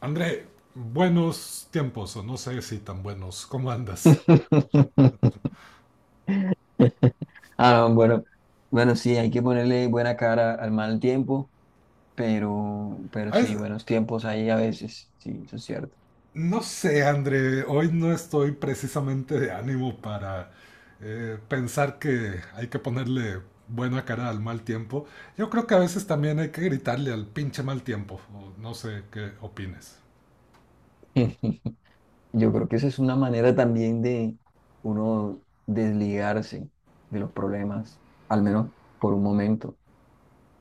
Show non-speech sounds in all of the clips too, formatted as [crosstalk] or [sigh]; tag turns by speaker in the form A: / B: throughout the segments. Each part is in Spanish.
A: André, buenos tiempos, o no sé si tan buenos. ¿Cómo andas?
B: [laughs] Ah, no, bueno, bueno, sí, hay que ponerle buena cara al mal tiempo, pero
A: A
B: sí,
A: veces-
B: buenos tiempos hay a veces, sí, eso es cierto.
A: no sé, André, hoy no estoy precisamente de ánimo para pensar que hay que ponerle buena cara al mal tiempo. Yo creo que a veces también hay que gritarle al pinche mal tiempo, o no sé qué opines.
B: [laughs] Yo creo que esa es una manera también de uno desligarse de los problemas, al menos por un momento,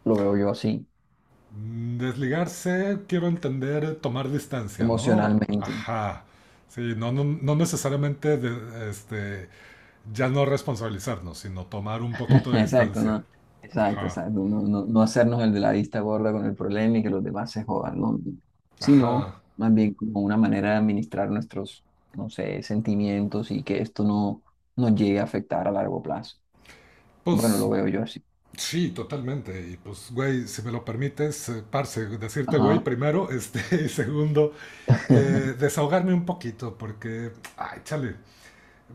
B: lo veo yo así,
A: Mm, desligarse, quiero entender, tomar distancia, ¿no?
B: emocionalmente.
A: Ajá. Sí, no, no, no necesariamente ya no responsabilizarnos, sino tomar un poquito de
B: Exacto,
A: distancia.
B: ¿no? Exacto,
A: Ajá.
B: exacto. No, no, no hacernos el de la vista gorda con el problema y que los demás se jodan, ¿no? Sino
A: Ajá.
B: más bien como una manera de administrar nuestros, no sé, sentimientos y que esto no nos llegue a afectar a largo plazo. Bueno, lo
A: Pues
B: veo yo así.
A: sí, totalmente. Y pues, güey, si me lo permites, parce, decirte, güey,
B: Ajá.
A: primero, [laughs] y segundo,
B: [laughs]
A: desahogarme un poquito, porque, ay, chale,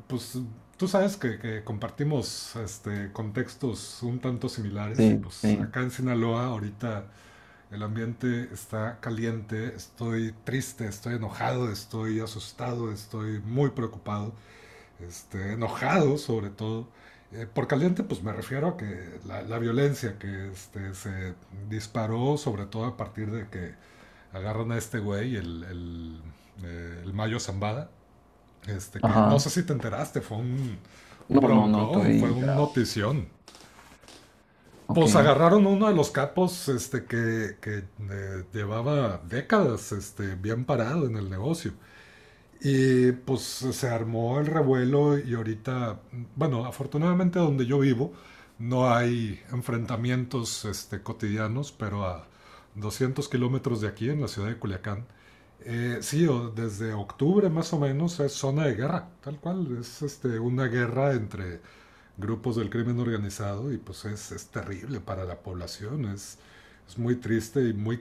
A: pues tú sabes que compartimos contextos un tanto similares y
B: Sí,
A: pues
B: sí.
A: acá en Sinaloa ahorita el ambiente está caliente, estoy triste, estoy enojado, estoy asustado, estoy muy preocupado, enojado sobre todo. Por caliente, pues me refiero a que la violencia que se disparó, sobre todo a partir de que agarran a este güey, el Mayo Zambada, este que no
B: Ajá.
A: sé si te enteraste, fue un
B: No, no, no
A: broncón,
B: estoy
A: fue un
B: enterado.
A: notición.
B: Ok.
A: Pues agarraron uno de los capos este, que llevaba décadas este, bien parado en el negocio. Y pues se armó el revuelo y ahorita, bueno, afortunadamente donde yo vivo no hay enfrentamientos este, cotidianos, pero a 200 kilómetros de aquí, en la ciudad de Culiacán, sí, desde octubre más o menos es zona de guerra, tal cual, es este, una guerra entre grupos del crimen organizado y pues es terrible para la población, es muy triste y muy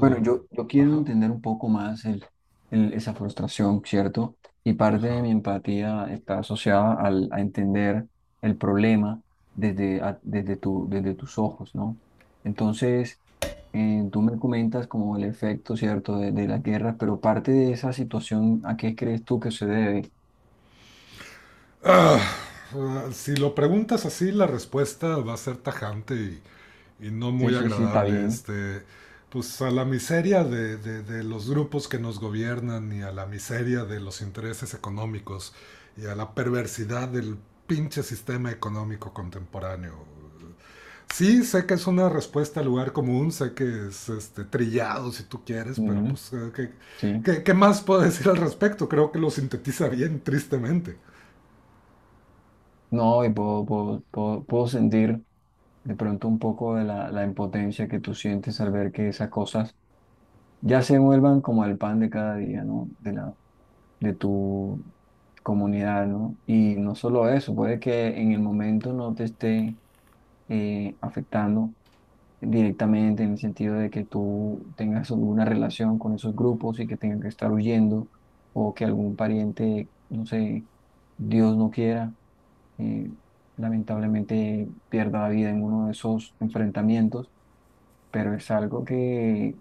B: Bueno, yo quiero
A: Ajá,
B: entender un poco más esa frustración, ¿cierto? Y parte de
A: ajá.
B: mi empatía está asociada a entender el problema desde, a- desde, tu, desde tus ojos, ¿no? Entonces, tú me comentas como el efecto, ¿cierto?, de las guerras, pero parte de esa situación, ¿a qué crees tú que se debe?
A: Ah, si lo preguntas así, la respuesta va a ser tajante y no
B: Sí,
A: muy
B: sí, sí, está
A: agradable.
B: bien.
A: Este, pues a la miseria de los grupos que nos gobiernan y a la miseria de los intereses económicos y a la perversidad del pinche sistema económico contemporáneo. Sí, sé que es una respuesta al lugar común, sé que es este, trillado si tú quieres, pero
B: Ujú,
A: pues ¿qué,
B: sí.
A: qué, qué más puedo decir al respecto? Creo que lo sintetiza bien, tristemente.
B: No, y puedo sentir de pronto un poco de la impotencia que tú sientes al ver que esas cosas ya se vuelvan como el pan de cada día, ¿no? De tu comunidad, ¿no? Y no solo eso, puede que en el momento no te esté afectando directamente en el sentido de que tú tengas alguna relación con esos grupos y que tengan que estar huyendo o que algún pariente, no sé, Dios no quiera, eh, lamentablemente pierda la vida en uno de esos enfrentamientos, pero es algo que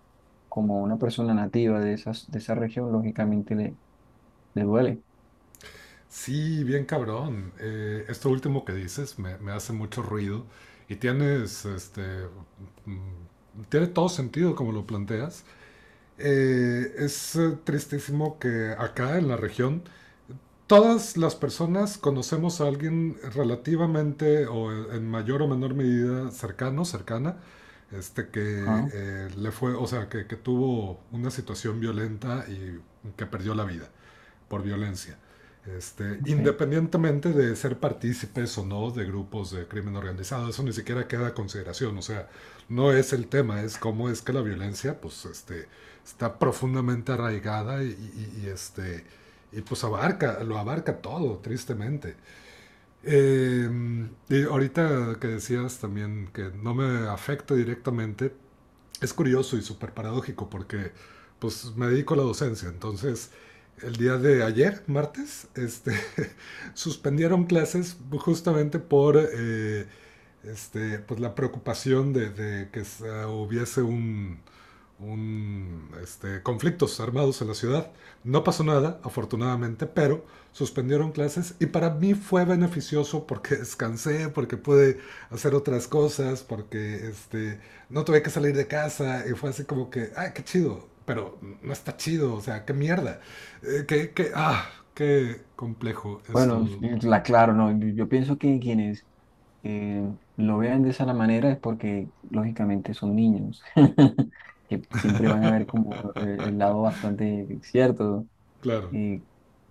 B: como una persona nativa de esas, de esa región, lógicamente le duele.
A: Sí, bien cabrón. Esto último que dices me hace mucho ruido y tienes, este, mm, tiene todo sentido como lo planteas. Es tristísimo que acá en la región todas las personas conocemos a alguien relativamente o en mayor o menor medida cercano, cercana, este que
B: Ah,
A: le fue, o sea, que tuvo una situación violenta y que perdió la vida por violencia. Este,
B: ok.
A: independientemente de ser partícipes o no de grupos de crimen organizado, eso ni siquiera queda a consideración, o sea, no es el tema, es cómo es que la violencia pues, este, está profundamente arraigada y y pues abarca, lo abarca todo, tristemente. Y ahorita que decías también que no me afecta directamente, es curioso y súper paradójico porque pues me dedico a la docencia, entonces el día de ayer, martes, este, [laughs] suspendieron clases justamente por pues la preocupación de que hubiese conflictos armados en la ciudad. No pasó nada, afortunadamente, pero suspendieron clases y para mí fue beneficioso porque [laughs] descansé, porque pude hacer otras cosas, porque este, no tuve que salir de casa y fue así como que, ay, qué chido, pero no está chido, o sea, qué mierda, qué complejo es
B: Bueno,
A: todo.
B: es la claro, no, yo pienso que quienes eh, lo vean de esa la manera es porque lógicamente son niños, [laughs] que siempre van a ver como el lado bastante cierto,
A: Claro.
B: eh,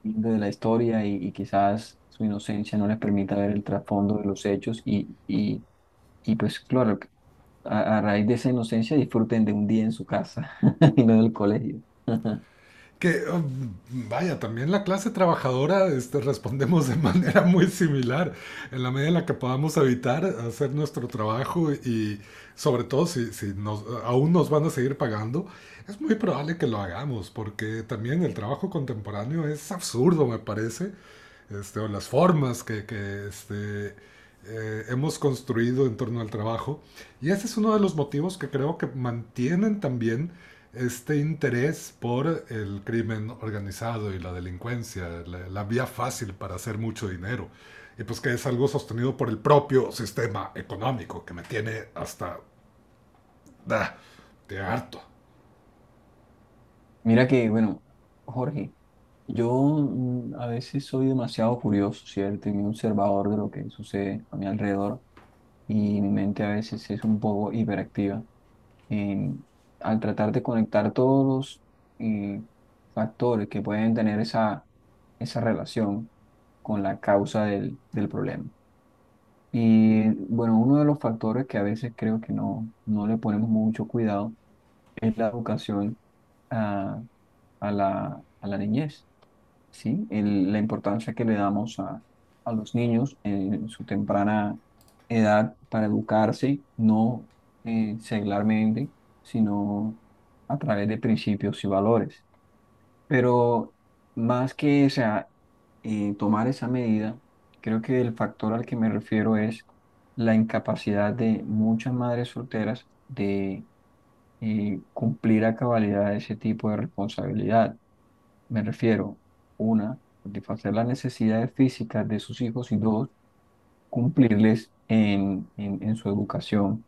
B: lindo de la historia y quizás su inocencia no les permita ver el trasfondo de los hechos y pues claro, a raíz de esa inocencia disfruten de un día en su casa [laughs] y no del colegio. [laughs]
A: Que oh, vaya, también la clase trabajadora este, respondemos de [laughs] manera muy similar, en la medida en la que podamos evitar hacer nuestro trabajo y sobre todo si nos, aún nos van a seguir pagando, es muy probable que lo hagamos, porque también el trabajo contemporáneo es absurdo, me parece, este, o las formas que hemos construido en torno al trabajo. Y ese es uno de los motivos que creo que mantienen también este interés por el crimen organizado y la delincuencia, vía fácil para hacer mucho dinero. Y pues que es algo sostenido por el propio sistema económico, que me tiene hasta da, de harto.
B: Mira que, bueno, Jorge, yo a veces soy demasiado curioso, ¿cierto? Y muy observador de lo que sucede a mi alrededor y mi mente a veces es un poco hiperactiva. En- Al tratar de conectar todos los eh, factores que pueden tener esa relación con la causa del problema. Y bueno, uno de los factores que a veces creo que no le ponemos mucho cuidado es la educación a, a la niñez, ¿sí? La importancia que le damos a los niños en su temprana edad para educarse, no seglarmente, sino a través de principios y valores. Pero más que, o sea, tomar esa medida, creo que el factor al que me refiero es la incapacidad de muchas madres solteras de cumplir a cabalidad ese tipo de responsabilidad. Me refiero, una, satisfacer las necesidades físicas de sus hijos y dos, cumplirles en, en su educación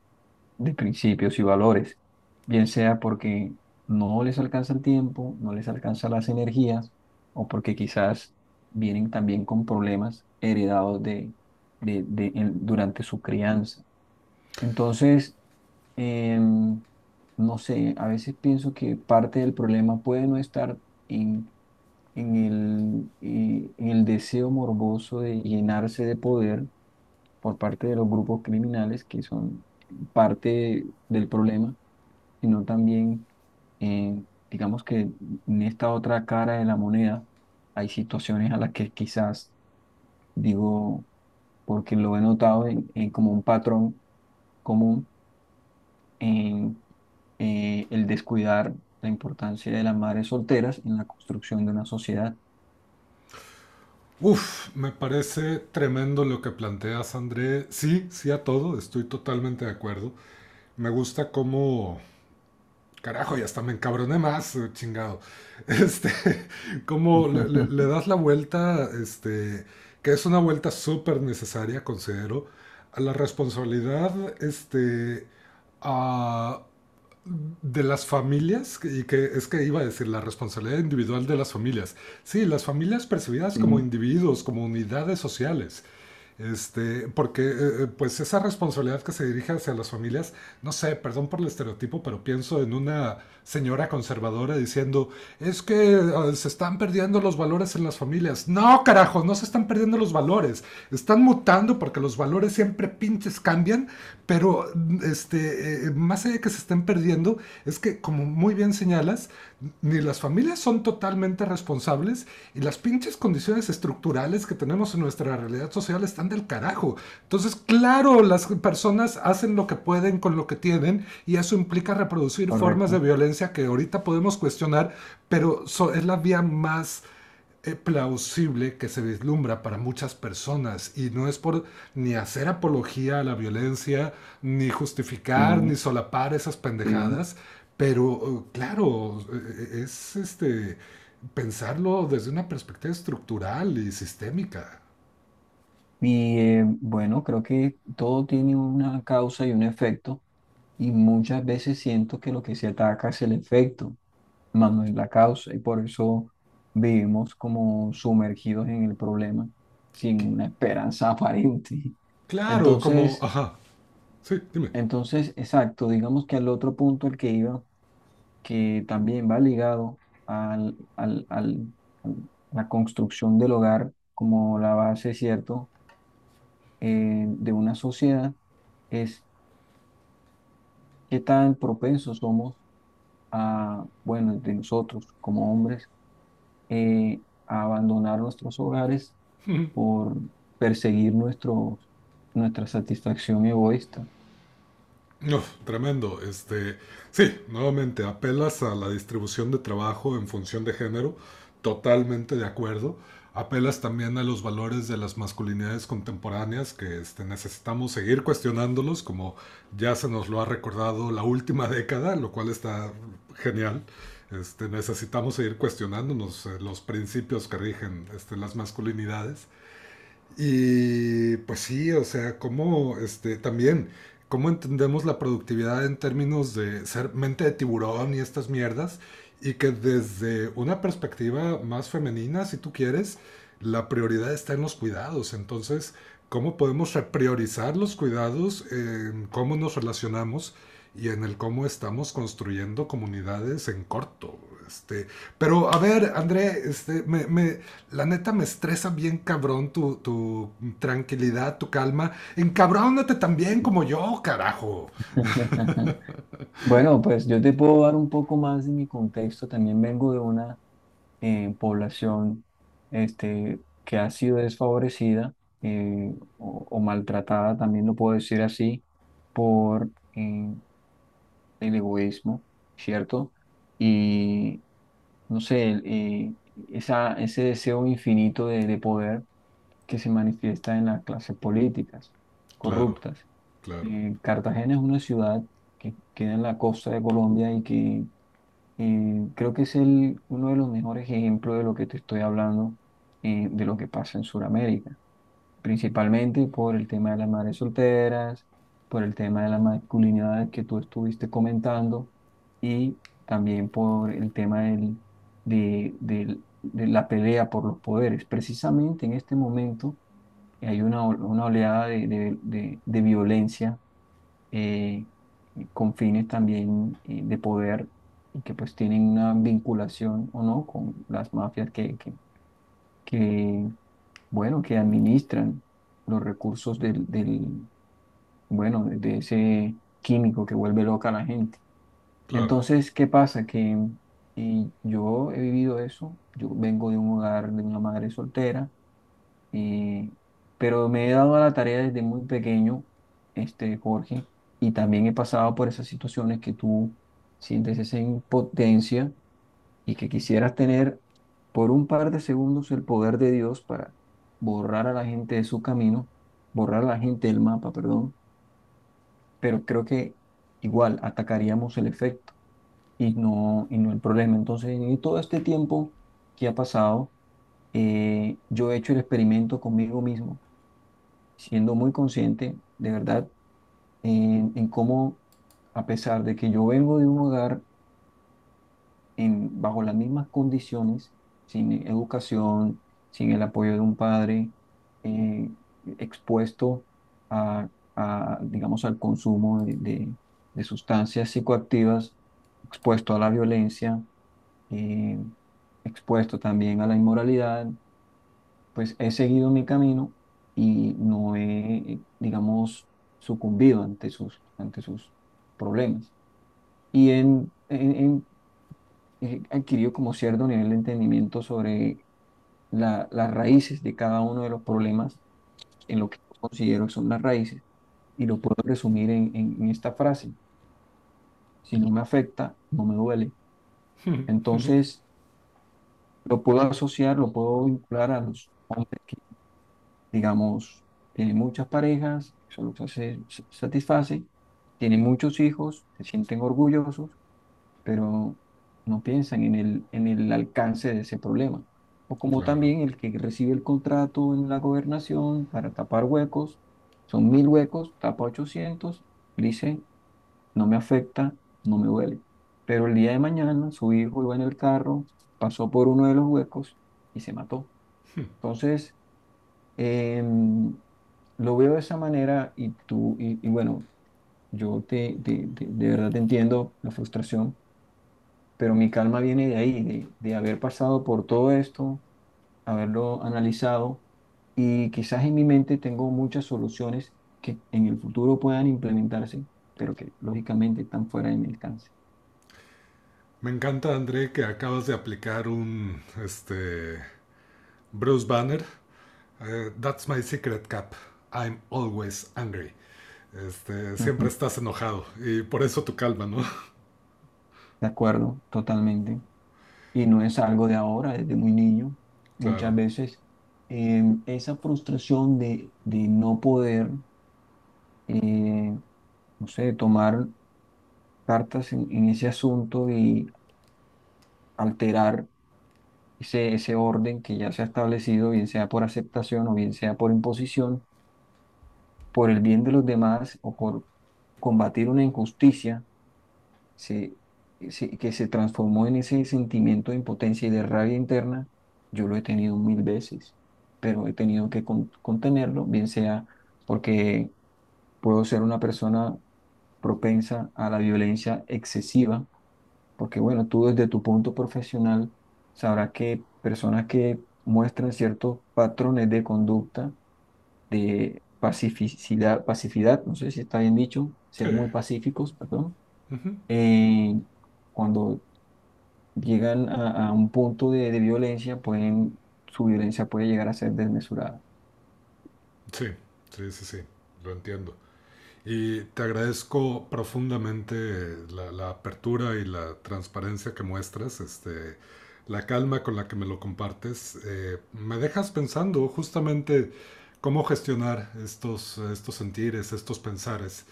B: de principios y valores, bien sea porque no les alcanza el tiempo, no les alcanza las energías, o porque quizás vienen también con problemas heredados durante su crianza. Entonces, em, no sé, a veces pienso que parte del problema puede no estar en, en el deseo morboso de llenarse de poder por parte de los grupos criminales que son parte del problema, sino también, eh, digamos que en esta otra cara de la moneda hay situaciones a las que quizás digo, porque lo he notado en, como un patrón común en el descuidar la importancia de las madres solteras en la construcción de una sociedad.
A: Uf, me parece tremendo lo que planteas, André. Sí, sí a todo, estoy totalmente de acuerdo. Me gusta cómo carajo, y hasta me encabroné más, chingado. Este, [laughs] como le
B: [laughs]
A: das la vuelta, este, que es una vuelta súper necesaria, considero, a la responsabilidad, este, a- de las familias, y que es que iba a decir, la responsabilidad individual de las familias. Sí, las familias percibidas
B: Sí,
A: como individuos, como unidades sociales. Este, porque pues esa responsabilidad que se dirige hacia las familias no sé, perdón por el estereotipo, pero pienso en una señora conservadora diciendo, es que se están perdiendo los valores en las familias. No, carajo, no se están perdiendo los valores. Están mutando porque los valores siempre pinches cambian, pero más allá de que se estén perdiendo, es que como muy bien señalas, ni las familias son totalmente responsables y las pinches condiciones estructurales que tenemos en nuestra realidad social están del carajo. Entonces, claro, las personas hacen lo que pueden con lo que tienen y eso implica reproducir formas de
B: correcto.
A: violencia que ahorita podemos cuestionar, pero so es la vía más plausible que se vislumbra para muchas personas y no es por ni hacer apología a la violencia, ni justificar,
B: Sí,
A: ni solapar esas
B: sí.
A: pendejadas, pero es este pensarlo desde una perspectiva estructural y sistémica.
B: Y bueno, creo que todo tiene una causa y un efecto, y muchas veces siento que lo que se ataca es el efecto, más no es la causa y por eso vivimos como sumergidos en el problema sin una esperanza [laughs] aparente.
A: Claro, como,
B: Entonces,
A: ajá, sí, dime.
B: entonces, exacto, digamos que al otro punto al que iba, que también va ligado al- a la construcción del hogar como la base, ¿cierto?, de una sociedad, es qué tan propensos somos a, bueno, de nosotros como hombres, eh, a abandonar nuestros hogares por perseguir nuestra satisfacción egoísta.
A: Uf, tremendo. Este, sí, nuevamente apelas a la distribución de trabajo en función de género, totalmente de acuerdo. Apelas también a los valores de las masculinidades contemporáneas que este, necesitamos seguir cuestionándolos, como ya se nos lo ha recordado la última [laughs] década, lo cual está genial. Este, necesitamos seguir cuestionándonos los principios que rigen este, las masculinidades. Y pues sí, o sea, cómo este, también, cómo entendemos la productividad en términos de ser mente de tiburón y estas mierdas, y que desde una perspectiva más femenina, si tú quieres, la prioridad está en los cuidados. Entonces, cómo podemos repriorizar los cuidados en cómo nos relacionamos y en el cómo estamos construyendo comunidades en corto. Este, pero a ver, André, este, la neta me estresa bien cabrón tu tranquilidad, tu calma. Encabrónate también como yo, carajo.
B: [laughs] Bueno, pues yo te puedo dar un poco más de mi contexto. También vengo de una población este, que ha sido desfavorecida o maltratada, también lo puedo decir así, por el egoísmo, ¿cierto? Y no sé, ese deseo infinito de poder. Que se manifiesta en las clases políticas
A: Claro,
B: corruptas.
A: claro,
B: Cartagena es una ciudad que queda en la costa de Colombia y que creo que es el, uno de los mejores ejemplos de lo que te estoy hablando, de lo que pasa en Sudamérica, principalmente por el tema de las madres solteras, por el tema de la masculinidad que tú estuviste comentando y también por el tema de la pelea por los poderes. Precisamente en este momento hay una oleada de violencia, eh, con fines también de poder y que pues tienen una vinculación o no con las mafias que, bueno, que administran los recursos bueno, de ese químico que vuelve loca a la gente.
A: claro,
B: Entonces, ¿qué pasa? Que y yo he vivido eso, yo vengo de un hogar de una madre soltera. Eh, pero me he dado a la tarea desde muy pequeño, este, Jorge, y también he pasado por esas situaciones que tú sientes esa impotencia y que quisieras tener por un par de segundos el poder de Dios para borrar a la gente de su camino, borrar a la gente del mapa, perdón, pero creo que igual atacaríamos el efecto y no el problema. Entonces, en todo este tiempo que ha pasado, yo he hecho el experimento conmigo mismo siendo muy consciente, de verdad, en cómo, a pesar de que yo vengo de un hogar en, bajo las mismas condiciones, sin educación, sin el apoyo de un padre, eh, expuesto a, digamos, al consumo de sustancias psicoactivas, expuesto a la violencia, eh, expuesto también a la inmoralidad, pues he seguido mi camino y no he, digamos, sucumbido ante sus problemas. Y en, en- en- He adquirido como cierto nivel de entendimiento sobre las raíces de cada uno de los problemas, en lo que yo considero que son las raíces, y lo puedo resumir en, en esta frase, si no me afecta, no me duele. Entonces, lo puedo asociar, lo puedo vincular a los hombres que digamos, tiene muchas parejas, solo satisface, tiene muchos hijos, se sienten orgullosos, pero no piensan en el, alcance de ese problema. O como
A: claro.
B: también el que recibe el contrato en la gobernación para tapar huecos, son 1.000 huecos, tapa 800, dice, no me afecta, no me duele. Pero el día de mañana su hijo iba en el carro, pasó por uno de los huecos y se mató. Entonces, Em, lo veo de esa manera y tú, y bueno, yo de verdad te entiendo la frustración, pero mi calma viene de ahí, de haber pasado por todo esto, haberlo analizado y quizás en mi mente tengo muchas soluciones que en el futuro puedan implementarse, pero que lógicamente están fuera de mi alcance.
A: Me encanta, André, que acabas de aplicar un, este, Bruce Banner. That's my secret cap. I'm always angry. Este, siempre
B: Ujú,
A: estás enojado y por eso tu calma, ¿no?
B: de acuerdo, totalmente. Y no es algo de ahora, desde muy niño, muchas
A: Claro.
B: veces, esa frustración de, no poder, eh, no sé, tomar cartas en, ese asunto y alterar ese orden que ya se ha establecido, bien sea por aceptación o bien sea por imposición, por el bien de los demás o por combatir una injusticia, se, que se transformó en ese sentimiento de impotencia y de rabia interna, yo lo he tenido mil veces, pero he tenido que contenerlo, bien sea porque puedo ser una persona propensa a la violencia excesiva, porque bueno, tú desde tu punto profesional sabrás que personas que muestran ciertos patrones de conducta, de pacificidad, pacificidad, no sé si está bien dicho,
A: Sí.
B: ser muy pacíficos, perdón,
A: Ujú.
B: eh, cuando llegan a un punto de violencia, su violencia puede llegar a ser desmesurada.
A: Sí, sí, sí, sí. Lo entiendo. Y te agradezco profundamente apertura y la transparencia que muestras, este, la calma con la que me lo compartes. Me dejas pensando justamente cómo gestionar estos sentires, estos pensares,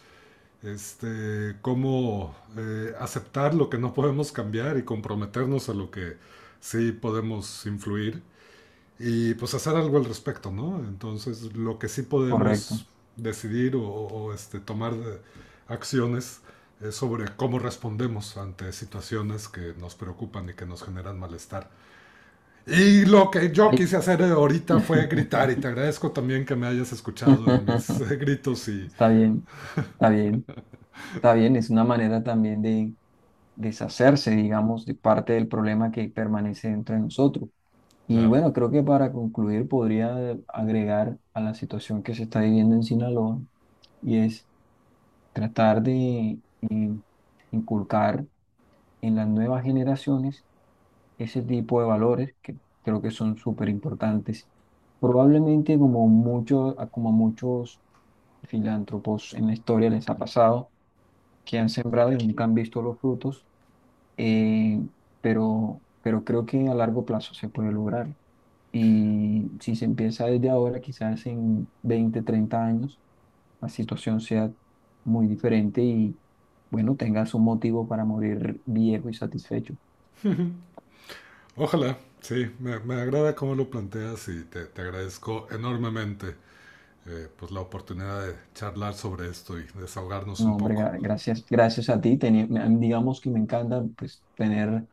A: este, cómo aceptar lo que no podemos cambiar y comprometernos a lo que sí podemos influir y pues hacer algo al respecto, ¿no? Entonces, lo que sí
B: Correcto.
A: podemos decidir o este, acciones es sobre cómo respondemos ante situaciones que nos preocupan y que nos generan malestar. Y lo que yo
B: Ay.
A: quise hacer ahorita fue gritar y te agradezco también que me hayas escuchado en mis [laughs]
B: [laughs]
A: gritos y
B: Está bien, está bien, está bien. Es una manera también de deshacerse, digamos, de parte del problema que permanece dentro de nosotros. Y
A: claro,
B: bueno, creo que para concluir podría agregar a la situación que se está viviendo en Sinaloa y es tratar de eh, inculcar en las nuevas generaciones ese tipo de valores que creo que son súper importantes. Probablemente como muchos filántropos en la historia les ha pasado, que han sembrado y nunca han visto los frutos, eh, pero creo que a largo plazo se puede lograr. Y si se empieza desde ahora, quizás en 20-30 años, la situación sea muy diferente y, bueno, tengas un motivo para morir viejo y satisfecho.
A: ojalá, sí, me agrada cómo lo planteas y te agradezco enormemente pues la oportunidad de charlar sobre esto y desahogarnos
B: No,
A: un
B: hombre,
A: poco.
B: gracias, gracias a ti. Digamos que me encanta pues, tener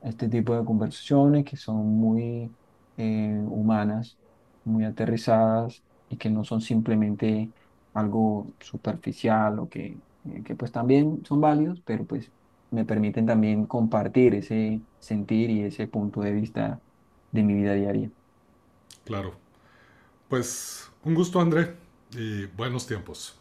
B: este tipo de conversaciones que son muy humanas, muy aterrizadas y que no son simplemente algo superficial o que pues también son válidos, pero pues me permiten también compartir ese sentir y ese punto de vista de mi vida diaria.
A: Claro. Pues un gusto, André, y buenos tiempos.